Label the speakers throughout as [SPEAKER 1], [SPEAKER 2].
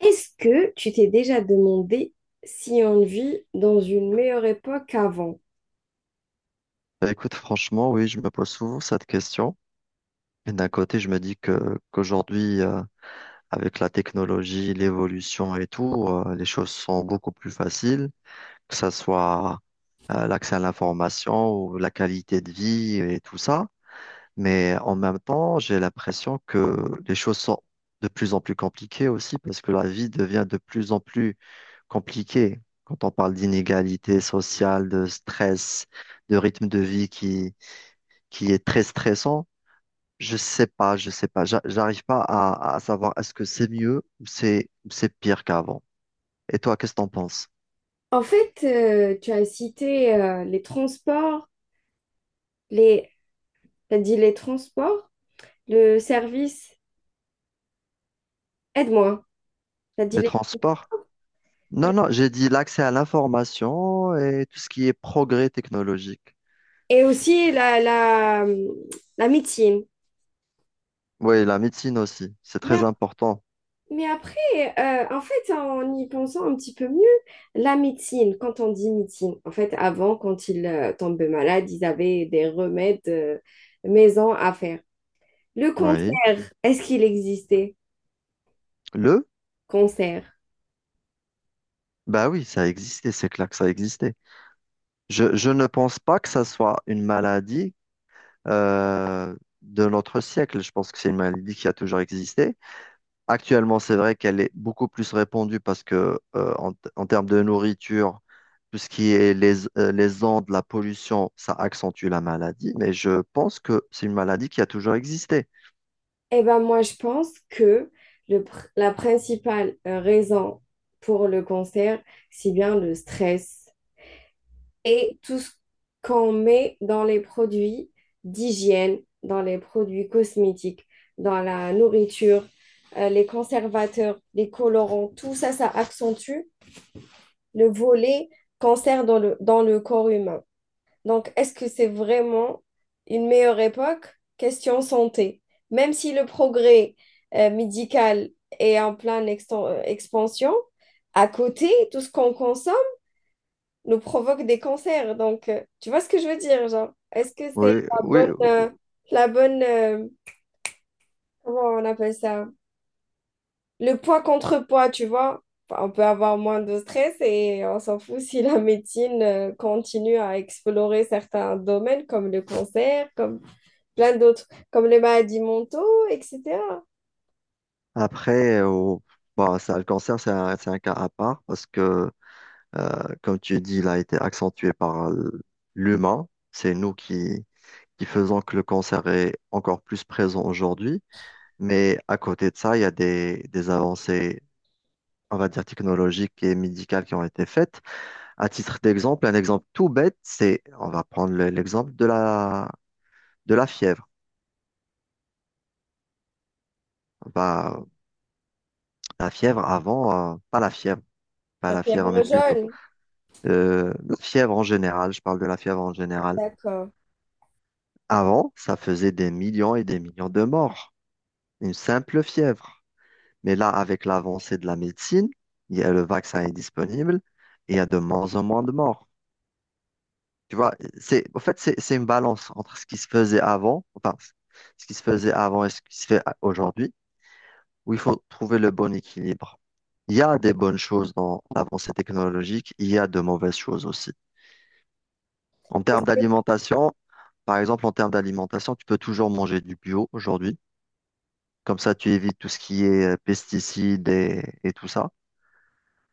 [SPEAKER 1] Est-ce que tu t'es déjà demandé si on vit dans une meilleure époque qu'avant?
[SPEAKER 2] Bah, écoute, franchement, oui, je me pose souvent cette question. Et d'un côté, je me dis que qu'aujourd'hui, avec la technologie, l'évolution et tout, les choses sont beaucoup plus faciles, que ça soit l'accès à l'information ou la qualité de vie et tout ça. Mais en même temps, j'ai l'impression que les choses sont de plus en plus compliquées aussi parce que la vie devient de plus en plus compliquée. Quand on parle d'inégalité sociale, de stress, de rythme de vie qui est très stressant, je sais pas, j'arrive pas à savoir est-ce que c'est mieux ou c'est pire qu'avant. Et toi, qu'est-ce que t'en penses?
[SPEAKER 1] En fait, tu as cité les transports, les... t'as dit les transports, le service, aide-moi, t'as dit
[SPEAKER 2] Les
[SPEAKER 1] les...
[SPEAKER 2] transports? Non, non, j'ai dit l'accès à l'information et tout ce qui est progrès technologique.
[SPEAKER 1] Et aussi la médecine.
[SPEAKER 2] Oui, la médecine aussi, c'est
[SPEAKER 1] Mais,
[SPEAKER 2] très
[SPEAKER 1] ap-
[SPEAKER 2] important.
[SPEAKER 1] mais après, en fait, en y pensant un petit peu mieux, la médecine, quand on dit médecine, en fait, avant, quand ils tombaient malades, ils avaient des remèdes maison à faire. Le
[SPEAKER 2] Oui.
[SPEAKER 1] concert, est-ce qu'il existait?
[SPEAKER 2] Le?
[SPEAKER 1] Concert.
[SPEAKER 2] Bah oui, ça existait, c'est clair que ça existait. Je ne pense pas que ça soit une maladie euh, de notre siècle. Je pense que c'est une maladie qui a toujours existé. Actuellement, c'est vrai qu'elle est beaucoup plus répandue parce que en, en termes de nourriture, tout ce qui est les ondes, la pollution, ça accentue la maladie. Mais je pense que c'est une maladie qui a toujours existé.
[SPEAKER 1] Eh ben moi, je pense que la principale raison pour le concert, c'est bien le stress et tout ce qu'on met dans les produits d'hygiène, dans les produits cosmétiques, dans la nourriture, les conservateurs, les colorants, tout ça, ça accentue le volet cancer dans le corps humain. Donc, est-ce que c'est vraiment une meilleure époque? Question santé. Même si le progrès médical est en pleine expansion, à côté, tout ce qu'on consomme nous provoque des cancers. Donc, tu vois ce que je veux dire, genre, est-ce que c'est
[SPEAKER 2] Oui,
[SPEAKER 1] la
[SPEAKER 2] oui.
[SPEAKER 1] bonne, euh, la bonne, comment on appelle ça? Le poids contre poids, tu vois? Enfin, on peut avoir moins de stress et on s'en fout si la médecine continue à explorer certains domaines comme le cancer, comme plein d'autres, comme les maladies mentaux, etc.
[SPEAKER 2] Après, oh, bah, ça, le cancer, c'est un cas à part parce que, comme tu dis, il a été accentué par l'humain. C'est nous qui, qui faisons que le cancer est encore plus présent aujourd'hui. Mais à côté de ça, il y a des avancées, on va dire, technologiques et médicales qui ont été faites. À titre d'exemple, un exemple tout bête, c'est, on va prendre l'exemple de la fièvre. Bah, la fièvre avant, pas la fièvre, pas
[SPEAKER 1] La
[SPEAKER 2] la fièvre,
[SPEAKER 1] fièvre
[SPEAKER 2] mais plutôt
[SPEAKER 1] jaune,
[SPEAKER 2] la fièvre en général, je parle de la fièvre en général.
[SPEAKER 1] d'accord.
[SPEAKER 2] Avant, ça faisait des millions et des millions de morts, une simple fièvre. Mais là, avec l'avancée de la médecine, le vaccin est disponible et il y a de moins en moins de morts. Tu vois, en fait, c'est une balance entre ce qui se faisait avant, enfin, ce qui se faisait avant et ce qui se fait aujourd'hui, où il faut trouver le bon équilibre. Il y a des bonnes choses dans l'avancée technologique, il y a de mauvaises choses aussi. En
[SPEAKER 1] Est-ce
[SPEAKER 2] termes
[SPEAKER 1] que
[SPEAKER 2] d'alimentation, par exemple, en termes d'alimentation, tu peux toujours manger du bio aujourd'hui. Comme ça, tu évites tout ce qui est pesticides et tout ça.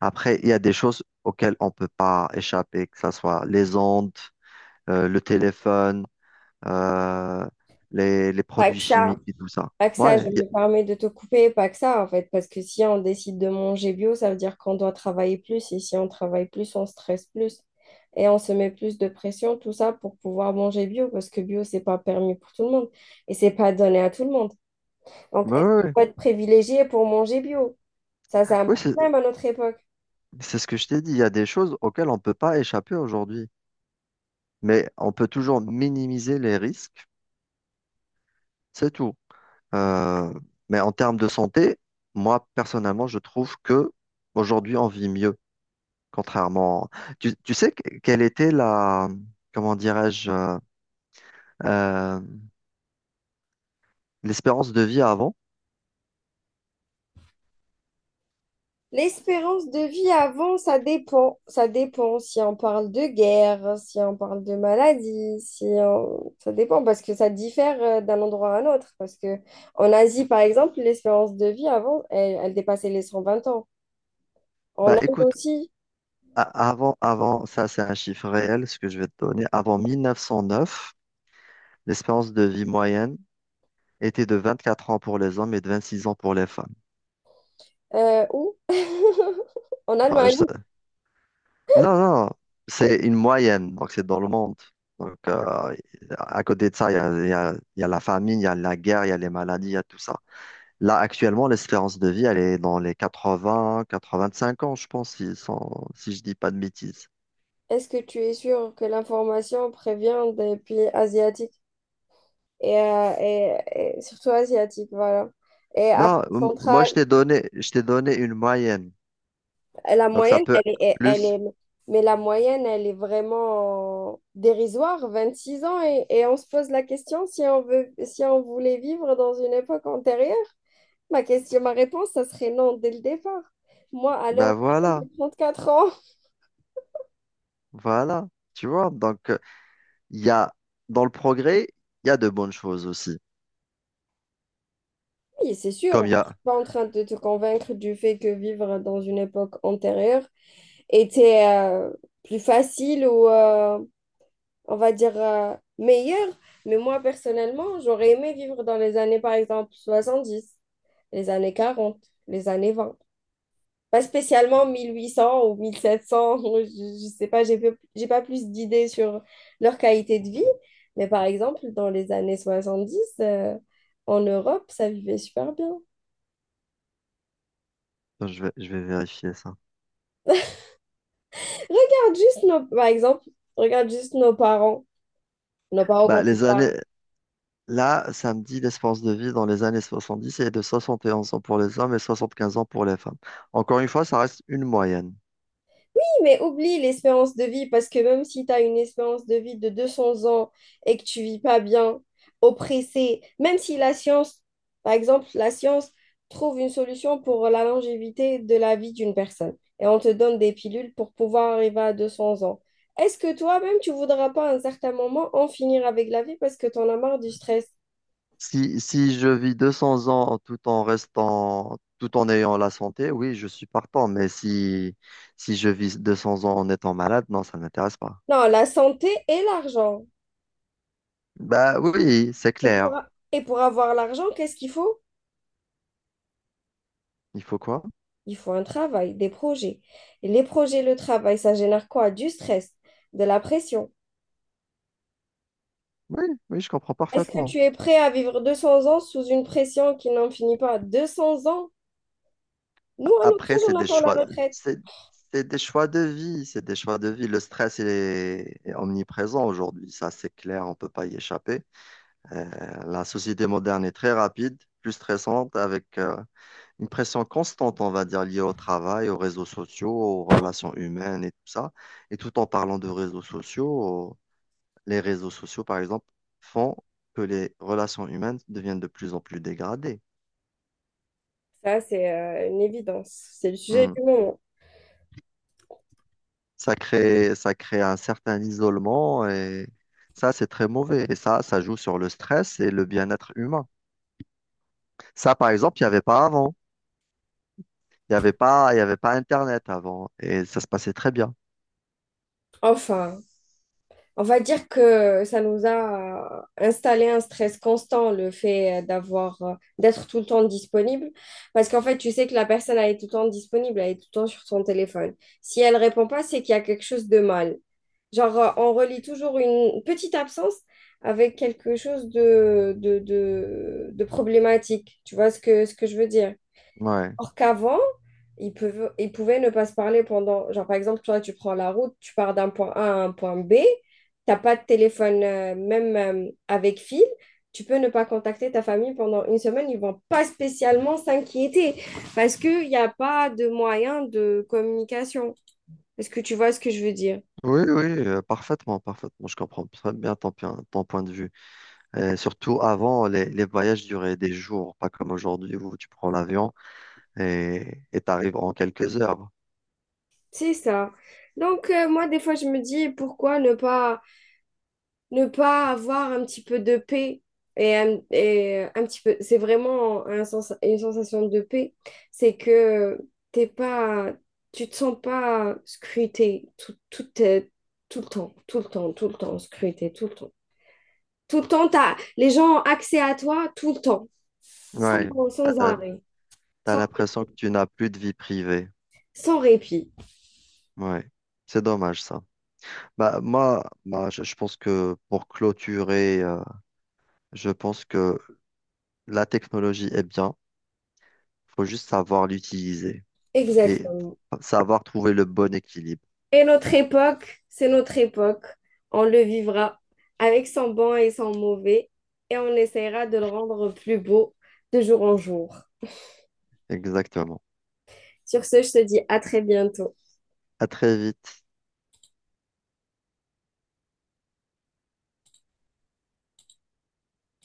[SPEAKER 2] Après, il y a des choses auxquelles on ne peut pas échapper, que ce soit les ondes, le téléphone euh, les
[SPEAKER 1] pas
[SPEAKER 2] produits
[SPEAKER 1] que ça,
[SPEAKER 2] chimiques et tout ça.
[SPEAKER 1] pas que ça,
[SPEAKER 2] Ouais,
[SPEAKER 1] je
[SPEAKER 2] y
[SPEAKER 1] me permets de te couper, pas que ça en fait, parce que si on décide de manger bio, ça veut dire qu'on doit travailler plus, et si on travaille plus, on stresse plus, et on se met plus de pression, tout ça pour pouvoir manger bio, parce que bio, c'est pas permis pour tout le monde, et c'est pas donné à tout le monde. Donc,
[SPEAKER 2] ouais,
[SPEAKER 1] est-ce
[SPEAKER 2] ouais,
[SPEAKER 1] qu'il
[SPEAKER 2] ouais.
[SPEAKER 1] faut être privilégié pour manger bio? Ça, c'est un
[SPEAKER 2] Oui, c'est
[SPEAKER 1] problème à notre époque.
[SPEAKER 2] c'est ce que je t'ai dit. Il y a des choses auxquelles on ne peut pas échapper aujourd'hui, mais on peut toujours minimiser les risques, c'est tout. Euh, mais en termes de santé, moi, personnellement, je trouve que aujourd'hui, on vit mieux, contrairement. Tu sais quelle était la, comment dirais-je, euh, l'espérance de vie avant?
[SPEAKER 1] L'espérance de vie avant, ça dépend. Ça dépend si on parle de guerre, si on parle de maladie, si on- ça dépend parce que ça diffère d'un endroit à un autre. Parce que en Asie, par exemple, l'espérance de vie avant, elle dépassait les cent vingt ans.
[SPEAKER 2] Bah,
[SPEAKER 1] En Inde
[SPEAKER 2] écoute,
[SPEAKER 1] aussi,
[SPEAKER 2] a- avant, avant, ça c'est un chiffre réel, ce que je vais te donner. Avant 1909, l'espérance de vie moyenne était de 24 ans pour les hommes et de 26 ans pour les femmes.
[SPEAKER 1] où? En
[SPEAKER 2] Alors,
[SPEAKER 1] Allemagne.
[SPEAKER 2] je sais- Non, non, c'est une moyenne, donc c'est dans le monde. Donc, à côté de ça, il y a la famine, il y a la guerre, il y a les maladies, il y a tout ça. Là, actuellement, l'espérance de vie, elle est dans les 80, 85 ans, je pense, si, si je dis pas de bêtises.
[SPEAKER 1] Est-ce que tu es sûr que l'information prévient des pays asiatiques et, euh, et- et surtout asiatiques, voilà. Et
[SPEAKER 2] Non,
[SPEAKER 1] Afrique
[SPEAKER 2] moi,
[SPEAKER 1] centrale,
[SPEAKER 2] je t'ai donné une moyenne.
[SPEAKER 1] La
[SPEAKER 2] Donc, ça
[SPEAKER 1] moyenne,
[SPEAKER 2] peut
[SPEAKER 1] elle
[SPEAKER 2] être
[SPEAKER 1] est, elle est,
[SPEAKER 2] plus.
[SPEAKER 1] mais la moyenne, elle est vraiment dérisoire, 26 ans, et on se pose la question si on voulait vivre dans une époque antérieure. Ma question, ma réponse, ça serait non dès le départ. Moi, à
[SPEAKER 2] Ben
[SPEAKER 1] l'heure actuelle,
[SPEAKER 2] voilà,
[SPEAKER 1] j'ai 34 ans.
[SPEAKER 2] voilà, tu vois, donc il y a dans le progrès, il y a de bonnes choses aussi.
[SPEAKER 1] Oui, c'est sûr,
[SPEAKER 2] Comme
[SPEAKER 1] moi,
[SPEAKER 2] il y
[SPEAKER 1] je ne suis
[SPEAKER 2] a,
[SPEAKER 1] pas en train de te convaincre du fait que vivre dans une époque antérieure était plus facile ou on va dire, meilleur. Mais moi, personnellement, j'aurais aimé vivre dans les années, par exemple, soixante dix, les années quarante, les années vingt. Pas spécialement 1800 ou 1700, je sais pas, j'ai pas plus d'idées sur leur qualité de vie. Mais par exemple, dans les années 70, en Europe, ça vivait super bien.
[SPEAKER 2] attends, je vais vérifier ça.
[SPEAKER 1] Regarde juste nos, par exemple, regarde juste nos parents. Nos parents,
[SPEAKER 2] Bah,
[SPEAKER 1] quand ils parlent,
[SPEAKER 2] là, ça me dit l'espérance de vie dans les années 70 est de 71 ans pour les hommes et 75 ans pour les femmes. Encore une fois, ça reste une moyenne.
[SPEAKER 1] mais oublie l'espérance de vie parce que même si tu as une espérance de vie de 200 ans et que tu vis pas bien, oppressé, même si la science trouve une solution pour la longévité de la vie d'une personne et on te donne des pilules pour pouvoir arriver à 200 ans. Est-ce que toi-même, tu voudras pas à un certain moment en finir avec la vie parce que tu en as marre du stress?
[SPEAKER 2] Si, si je vis 200 ans tout en restant, tout en ayant la santé, oui, je suis partant, mais si je vis 200 ans en étant malade, non, ça ne m'intéresse pas.
[SPEAKER 1] Non, la santé et l'argent.
[SPEAKER 2] Bah oui, c'est
[SPEAKER 1] Et pour,
[SPEAKER 2] clair.
[SPEAKER 1] a- et pour avoir l'argent, qu'est-ce qu'il faut?
[SPEAKER 2] Il faut quoi?
[SPEAKER 1] Il faut un travail, des projets. Et les projets, le travail, ça génère quoi? Du stress, de la pression.
[SPEAKER 2] Oui, oui, je comprends
[SPEAKER 1] Est-ce que
[SPEAKER 2] parfaitement.
[SPEAKER 1] tu es prêt à vivre 200 ans sous une pression qui n'en finit pas? 200 ans? Nous, à notre
[SPEAKER 2] Après,
[SPEAKER 1] âge, on attend la retraite.
[SPEAKER 2] c'est, c'est des choix de vie, c'est des choix de vie. Le stress il est omniprésent aujourd'hui, ça c'est clair, on peut pas y échapper. Euh, la société moderne est très rapide, plus stressante, avec une pression constante, on va dire, liée au travail, aux réseaux sociaux, aux relations humaines et tout ça. Et tout en parlant de réseaux sociaux, les réseaux sociaux, par exemple, font que les relations humaines deviennent de plus en plus dégradées.
[SPEAKER 1] Ça, c'est une évidence. C'est le sujet du moment.
[SPEAKER 2] Ça crée un certain isolement et ça, c'est très mauvais. Et ça joue sur le stress et le bien-être humain. Ça, par exemple, il n'y avait pas avant. Il n'y avait pas, il y avait pas Internet avant et ça se passait très bien.
[SPEAKER 1] Enfin, on va dire que ça nous a installé un stress constant, le fait d'avoir, d'être tout le temps disponible. Parce qu'en fait, tu sais que la personne, elle est tout le temps disponible, elle est tout le temps sur son téléphone. Si elle répond pas, c'est qu'il y a quelque chose de mal. Genre, on relie toujours une petite absence avec quelque chose de problématique. Tu vois ce que je veux dire?
[SPEAKER 2] Ouais.
[SPEAKER 1] Or qu'avant, ils peuvent, ils pouvaient ne pas se parler pendant... Genre, par exemple, toi, tu prends la route, tu pars d'un point A à un point B, t'as pas de téléphone, même avec fil, tu peux ne pas contacter ta famille pendant une semaine. Ils vont pas spécialement s'inquiéter parce qu'il n'y a pas de moyen de communication. Est-ce que tu vois ce que je veux dire?
[SPEAKER 2] Oui, oui, parfaitement, parfaitement. Je comprends très bien ton, ton point de vue. Et surtout, avant, les voyages duraient des jours, pas comme aujourd'hui où tu prends l'avion et tu arrives en quelques heures.
[SPEAKER 1] C'est ça. Donc, moi, des fois, je me dis pourquoi ne pas avoir un petit peu de paix et un petit peu. C'est vraiment une sensation de paix. C'est que t'es pas, tu te sens pas scruté tout le temps, tout le temps, tout le temps, scruté tout le temps. Tout le temps, t'as, les gens ont accès à toi tout le temps, sans,
[SPEAKER 2] Ouais,
[SPEAKER 1] sans
[SPEAKER 2] t'as,
[SPEAKER 1] arrêt,
[SPEAKER 2] t'as
[SPEAKER 1] sans,
[SPEAKER 2] l'impression que tu n'as plus de vie privée.
[SPEAKER 1] sans répit.
[SPEAKER 2] Ouais, c'est dommage ça. Bah, moi, bah, je pense que pour clôturer, je pense que la technologie est bien. Faut juste savoir l'utiliser et
[SPEAKER 1] Exactement.
[SPEAKER 2] savoir trouver le bon équilibre.
[SPEAKER 1] Et notre époque, c'est notre époque. On le vivra avec son bon et son mauvais et on essaiera de le rendre plus beau de jour en jour.
[SPEAKER 2] Exactement.
[SPEAKER 1] Sur ce, je te dis à très bientôt.
[SPEAKER 2] À très vite.